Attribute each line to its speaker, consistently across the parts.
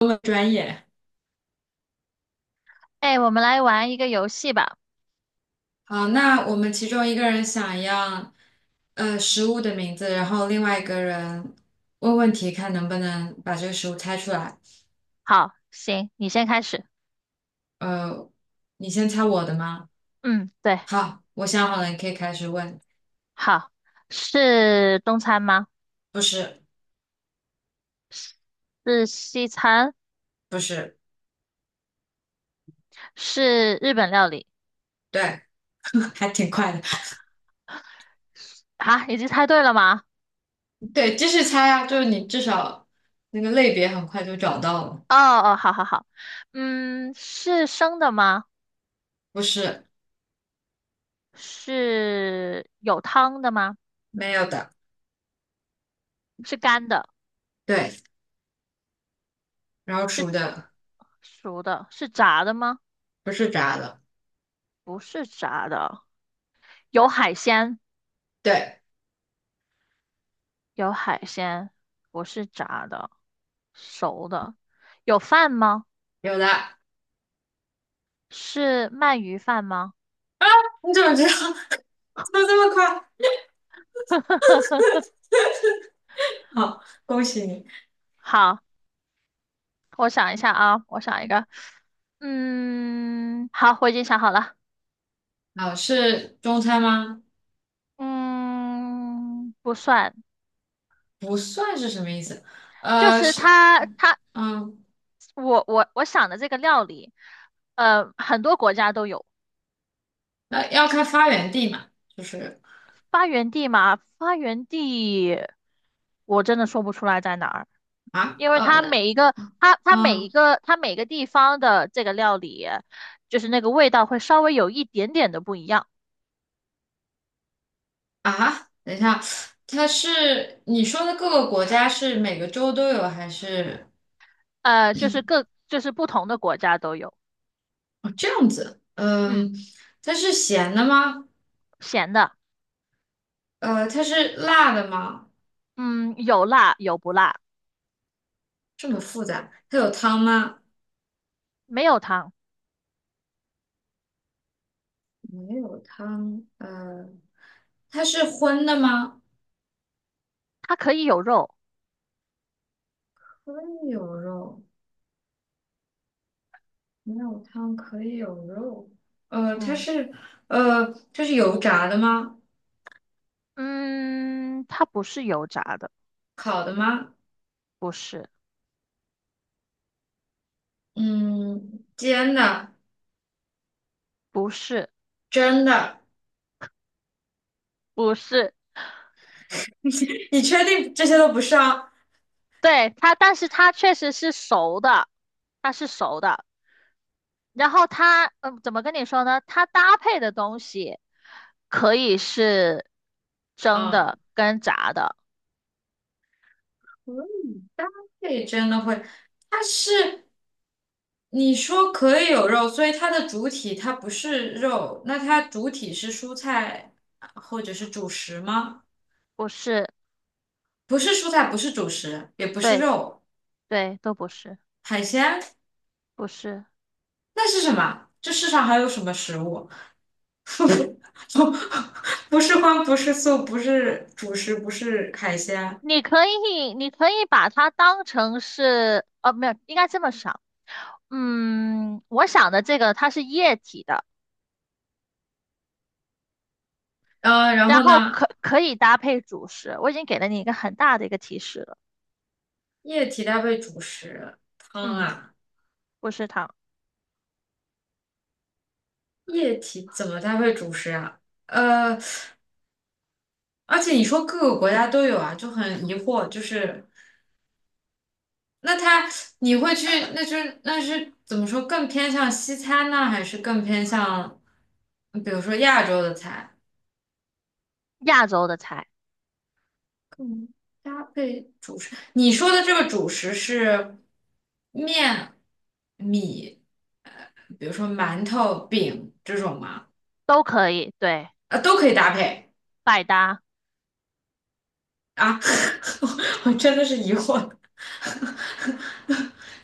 Speaker 1: 中文专业。
Speaker 2: 哎，我们来玩一个游戏吧。
Speaker 1: 好，那我们其中一个人想要食物的名字，然后另外一个人问问题，看能不能把这个食物猜出来。
Speaker 2: 好，行，你先开始。
Speaker 1: 呃，你先猜我的吗？
Speaker 2: 嗯，对，
Speaker 1: 好，我想好了，你可以开始问。
Speaker 2: 好，是中餐吗？
Speaker 1: 不是，
Speaker 2: 是西餐？
Speaker 1: 不是，
Speaker 2: 是日本料理？
Speaker 1: 对，还挺快的。
Speaker 2: 啊，已经猜对了吗？
Speaker 1: 对，继续猜啊，就是你至少那个类别很快就找到了。
Speaker 2: 哦哦，好好好。嗯，是生的吗？
Speaker 1: 不是，
Speaker 2: 是有汤的吗？
Speaker 1: 没有的。
Speaker 2: 是干的？
Speaker 1: 对，然后
Speaker 2: 是
Speaker 1: 熟的，
Speaker 2: 熟的？是炸的吗？
Speaker 1: 不是炸的。
Speaker 2: 不是炸的。有海鲜？
Speaker 1: 对，
Speaker 2: 有海鲜，不是炸的，熟的。有饭吗？
Speaker 1: 有的。
Speaker 2: 是鳗鱼饭吗？
Speaker 1: 你怎么知道？怎么这么快？好，恭喜你。
Speaker 2: 好，我想一下啊，我想一个。嗯，好，我已经想好了。
Speaker 1: 好，是中餐吗？
Speaker 2: 嗯，不算，
Speaker 1: 不算是什么意思？
Speaker 2: 就是
Speaker 1: 是，嗯，
Speaker 2: 我想的这个料理，很多国家都有。
Speaker 1: 那要看发源地嘛，就是
Speaker 2: 发源地嘛，发源地，我真的说不出来在哪儿，
Speaker 1: 啊，
Speaker 2: 因为它每一个，它每一
Speaker 1: 嗯，
Speaker 2: 个，它每个地方的这个料理，就是那个味道会稍微有一点点的不一样。
Speaker 1: 啊，等一下，它是你说的各个国家是每个州都有还是
Speaker 2: 呃，就是各就是不同的国家都有，
Speaker 1: 哦这样子？
Speaker 2: 嗯，
Speaker 1: 嗯，它是咸的吗？
Speaker 2: 咸的，
Speaker 1: 它是辣的吗？
Speaker 2: 嗯，有辣有不辣，
Speaker 1: 这么复杂，它有汤吗？
Speaker 2: 没有汤，
Speaker 1: 没有汤，它是荤的吗？
Speaker 2: 它可以有肉，
Speaker 1: 荤有肉。没有汤可以有肉，呃，它
Speaker 2: 嗯
Speaker 1: 是它是油炸的吗？
Speaker 2: 嗯，它不是油炸的，
Speaker 1: 烤的吗？
Speaker 2: 不是
Speaker 1: 嗯，煎的、
Speaker 2: 不是
Speaker 1: 蒸的，
Speaker 2: 不是，
Speaker 1: 你确定这些都不是啊？
Speaker 2: 对它，但是它确实是熟的，它是熟的，然后它怎么跟你说呢？它搭配的东西可以是蒸
Speaker 1: 嗯，
Speaker 2: 的跟炸的，
Speaker 1: 可以。这里真的会，它是你说可以有肉，所以它的主体它不是肉，那它主体是蔬菜啊或者是主食吗？
Speaker 2: 不是，
Speaker 1: 不是蔬菜，不是主食，也不是
Speaker 2: 对
Speaker 1: 肉，
Speaker 2: 对，都不是，
Speaker 1: 海鲜，
Speaker 2: 不是。
Speaker 1: 那是什么？这世上还有什么食物？不是荤，不是素，不是主食，不是海鲜。
Speaker 2: 你可以把它当成是，没有，应该这么想。嗯，我想的这个它是液体的，
Speaker 1: 然
Speaker 2: 然
Speaker 1: 后
Speaker 2: 后
Speaker 1: 呢，
Speaker 2: 可以搭配主食。我已经给了你一个很大的一个提示了。
Speaker 1: 液体搭配主食，汤
Speaker 2: 嗯，
Speaker 1: 啊，
Speaker 2: 不是糖，
Speaker 1: 液体怎么搭配主食啊？呃，而且你说各个国家都有啊，就很疑惑，就是那它你会去，那就是那是怎么说，更偏向西餐呢，还是更偏向，比如说亚洲的菜？
Speaker 2: 亚洲的菜
Speaker 1: 更搭配你说的这个主食是面、米，呃，比如说馒头、饼这种吗？
Speaker 2: 都可以，对，
Speaker 1: 啊，都可以搭配
Speaker 2: 百搭。
Speaker 1: 啊！我真的是疑惑。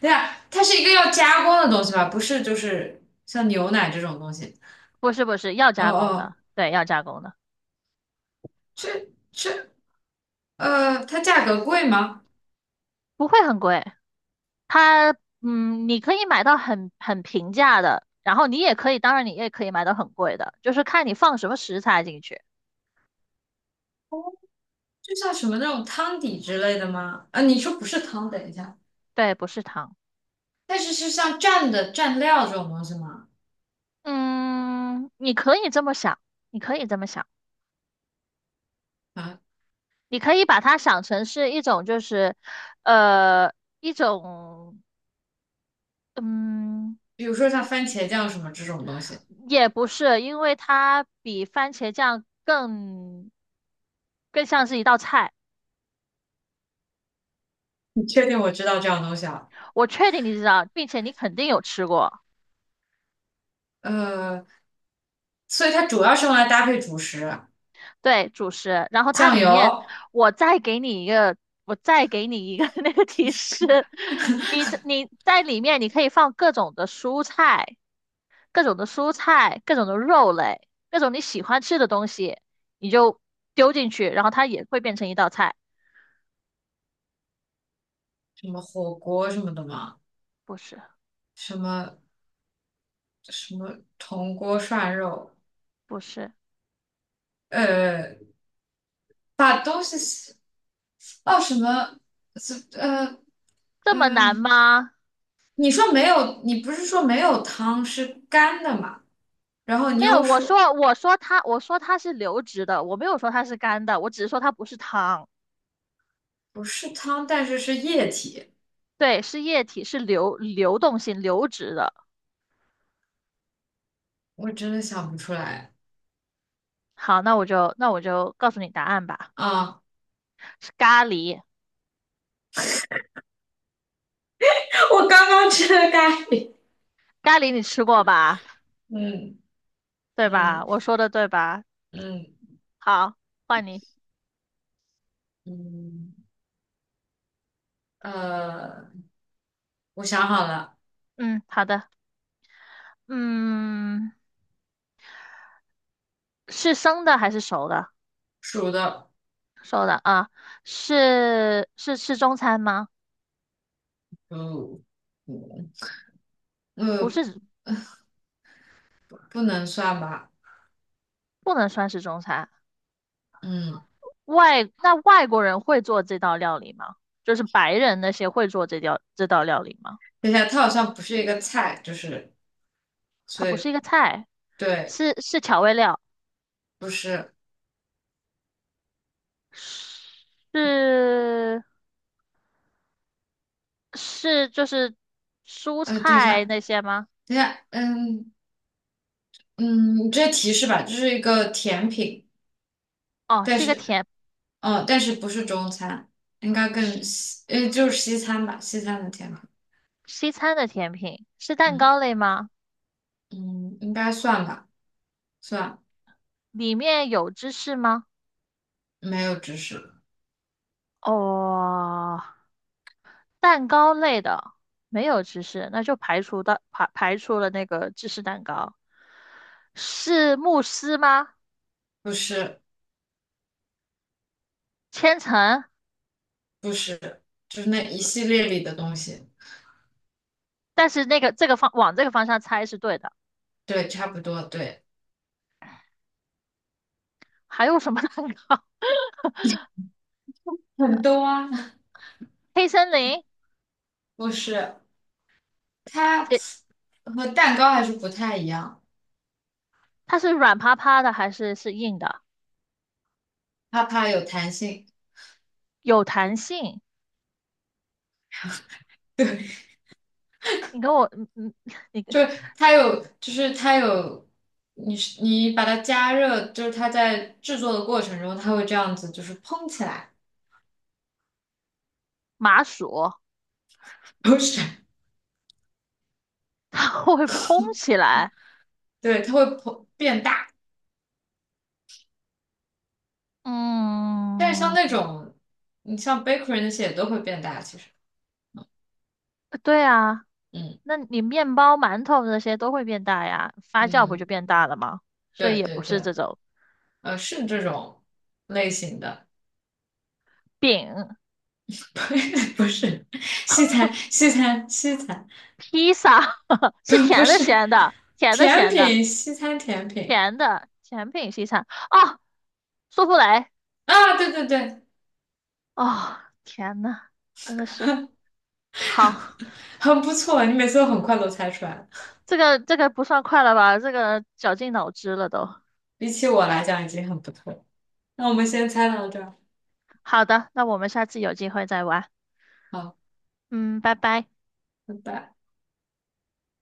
Speaker 1: 对呀，它是一个要加工的东西吧？不是，就是像牛奶这种东西。
Speaker 2: 不是不是，要
Speaker 1: 哦
Speaker 2: 加工
Speaker 1: 哦，
Speaker 2: 的，对，要加工的，
Speaker 1: 这它价格贵吗？
Speaker 2: 不会很贵。它，你可以买到很平价的，然后你也可以，当然你也可以买到很贵的，就是看你放什么食材进去。
Speaker 1: 就像什么那种汤底之类的吗？啊，你说不是汤，等一下，
Speaker 2: 对，不是糖。
Speaker 1: 但是是像蘸的蘸料这种东西吗？
Speaker 2: 嗯，你可以这么想，你可以这么想，
Speaker 1: 啊，
Speaker 2: 你可以把它想成是一种，就是，呃，一种，嗯，
Speaker 1: 比如说像番茄酱什么这种东西。
Speaker 2: 也不是，因为它比番茄酱更像是一道菜。
Speaker 1: 你确定我知道这样东西啊？
Speaker 2: 我确定你知道，并且你肯定有吃过，
Speaker 1: 呃，所以它主要是用来搭配主食，
Speaker 2: 对，主食。然后它
Speaker 1: 酱
Speaker 2: 里面，
Speaker 1: 油、
Speaker 2: 我再给你一个，我再给你一个 那个提示，你在里面你可以放各种的蔬菜。各种的蔬菜、各种的肉类、各种你喜欢吃的东西，你就丢进去，然后它也会变成一道菜。
Speaker 1: 什么火锅什么的嘛，
Speaker 2: 不是，
Speaker 1: 什么铜锅涮肉，
Speaker 2: 不是，
Speaker 1: 呃，把东西洗哦什么，呃
Speaker 2: 这么难
Speaker 1: 呃，
Speaker 2: 吗？
Speaker 1: 你说没有，你不是说没有汤是干的嘛？然后你
Speaker 2: 没有，
Speaker 1: 又说
Speaker 2: 我说它是流质的，我没有说它是干的，我只是说它不是汤，
Speaker 1: 不是汤，但是是液体，
Speaker 2: 对，是液体，是流动性流质的。
Speaker 1: 我真的想不出来
Speaker 2: 好，那我就告诉你答案吧，
Speaker 1: 啊！
Speaker 2: 是咖喱，
Speaker 1: 我刚刚吃的咖喱，
Speaker 2: 咖喱你吃过吧？
Speaker 1: 嗯
Speaker 2: 对吧？
Speaker 1: 嗯
Speaker 2: 我说的对吧？
Speaker 1: 嗯。
Speaker 2: 好，换你。
Speaker 1: 嗯，呃，我想好了，
Speaker 2: 嗯，好的。嗯，是生的还是熟的？
Speaker 1: 属的，
Speaker 2: 啊，是吃中餐吗？
Speaker 1: 嗯嗯
Speaker 2: 不
Speaker 1: 呃，
Speaker 2: 是，
Speaker 1: 不能算吧？
Speaker 2: 不能算是中餐。
Speaker 1: 嗯，
Speaker 2: 那外国人会做这道料理吗？就是白人那些会做这道料理吗？
Speaker 1: 等一下，它好像不是一个菜，就是，
Speaker 2: 它
Speaker 1: 所
Speaker 2: 不是
Speaker 1: 以
Speaker 2: 一个菜，
Speaker 1: 对，
Speaker 2: 是调味料，
Speaker 1: 不是。
Speaker 2: 是是就是蔬
Speaker 1: 等一
Speaker 2: 菜
Speaker 1: 下，
Speaker 2: 那些吗？
Speaker 1: 等一下，嗯嗯，你接提示吧，这是一个甜品，
Speaker 2: 哦，
Speaker 1: 但
Speaker 2: 是一个
Speaker 1: 是，
Speaker 2: 甜，
Speaker 1: 哦，但是不是中餐，应该更西，就是西餐吧，西餐的甜品。
Speaker 2: 西餐的甜品，是蛋
Speaker 1: 嗯
Speaker 2: 糕类吗？
Speaker 1: 嗯，应该算吧，算，
Speaker 2: 里面有芝士吗？
Speaker 1: 没有知识，
Speaker 2: 哦，蛋糕类的没有芝士，那就排除了那个芝士蛋糕，是慕斯吗？
Speaker 1: 不是。
Speaker 2: 千层，
Speaker 1: 不是，就是那一系列里的东西，
Speaker 2: 但是那个这个方往这个方向猜是对的。
Speaker 1: 对，差不多，对，
Speaker 2: 还有什么 蛋糕？
Speaker 1: 很多啊，
Speaker 2: 黑森林，
Speaker 1: 不是，它
Speaker 2: 这
Speaker 1: 和蛋糕还是不太一样，
Speaker 2: 它是软趴趴的还是硬的？
Speaker 1: 它怕有弹性，
Speaker 2: 有弹性。
Speaker 1: 对，
Speaker 2: 你跟我，你跟
Speaker 1: 就是它有，你是你把它加热，就是它在制作的过程中，它会这样子，就是蓬起来，
Speaker 2: 麻薯，
Speaker 1: 不是，
Speaker 2: 它会 蓬起来。
Speaker 1: 对，它会膨变大，但是像那
Speaker 2: 嗯。
Speaker 1: 种，你像 bakery 那些也都会变大，其实，
Speaker 2: 对啊，
Speaker 1: 嗯
Speaker 2: 那你面包、馒头这些都会变大呀，发酵不就
Speaker 1: 嗯，
Speaker 2: 变大了吗？所以
Speaker 1: 对
Speaker 2: 也不
Speaker 1: 对
Speaker 2: 是
Speaker 1: 对。
Speaker 2: 这种
Speaker 1: 是这种类型的，
Speaker 2: 饼、
Speaker 1: 不是不是西餐，西餐，西餐，
Speaker 2: 披萨，
Speaker 1: 不
Speaker 2: 是
Speaker 1: 不
Speaker 2: 甜的、
Speaker 1: 是
Speaker 2: 咸的，甜的、
Speaker 1: 甜
Speaker 2: 咸的，
Speaker 1: 品，西餐甜品
Speaker 2: 甜的甜品西餐哦，苏芙蕾
Speaker 1: 啊，对对对，
Speaker 2: 哦，天呐，真的是好，
Speaker 1: 很不错，你每次都很快都猜出来了，
Speaker 2: 这个不算快了吧？这个绞尽脑汁了都。
Speaker 1: 比起我来讲已经很不错了。那我们先猜到这儿，
Speaker 2: 好的，那我们下次有机会再玩，
Speaker 1: 好，
Speaker 2: 嗯，拜拜。
Speaker 1: 拜拜。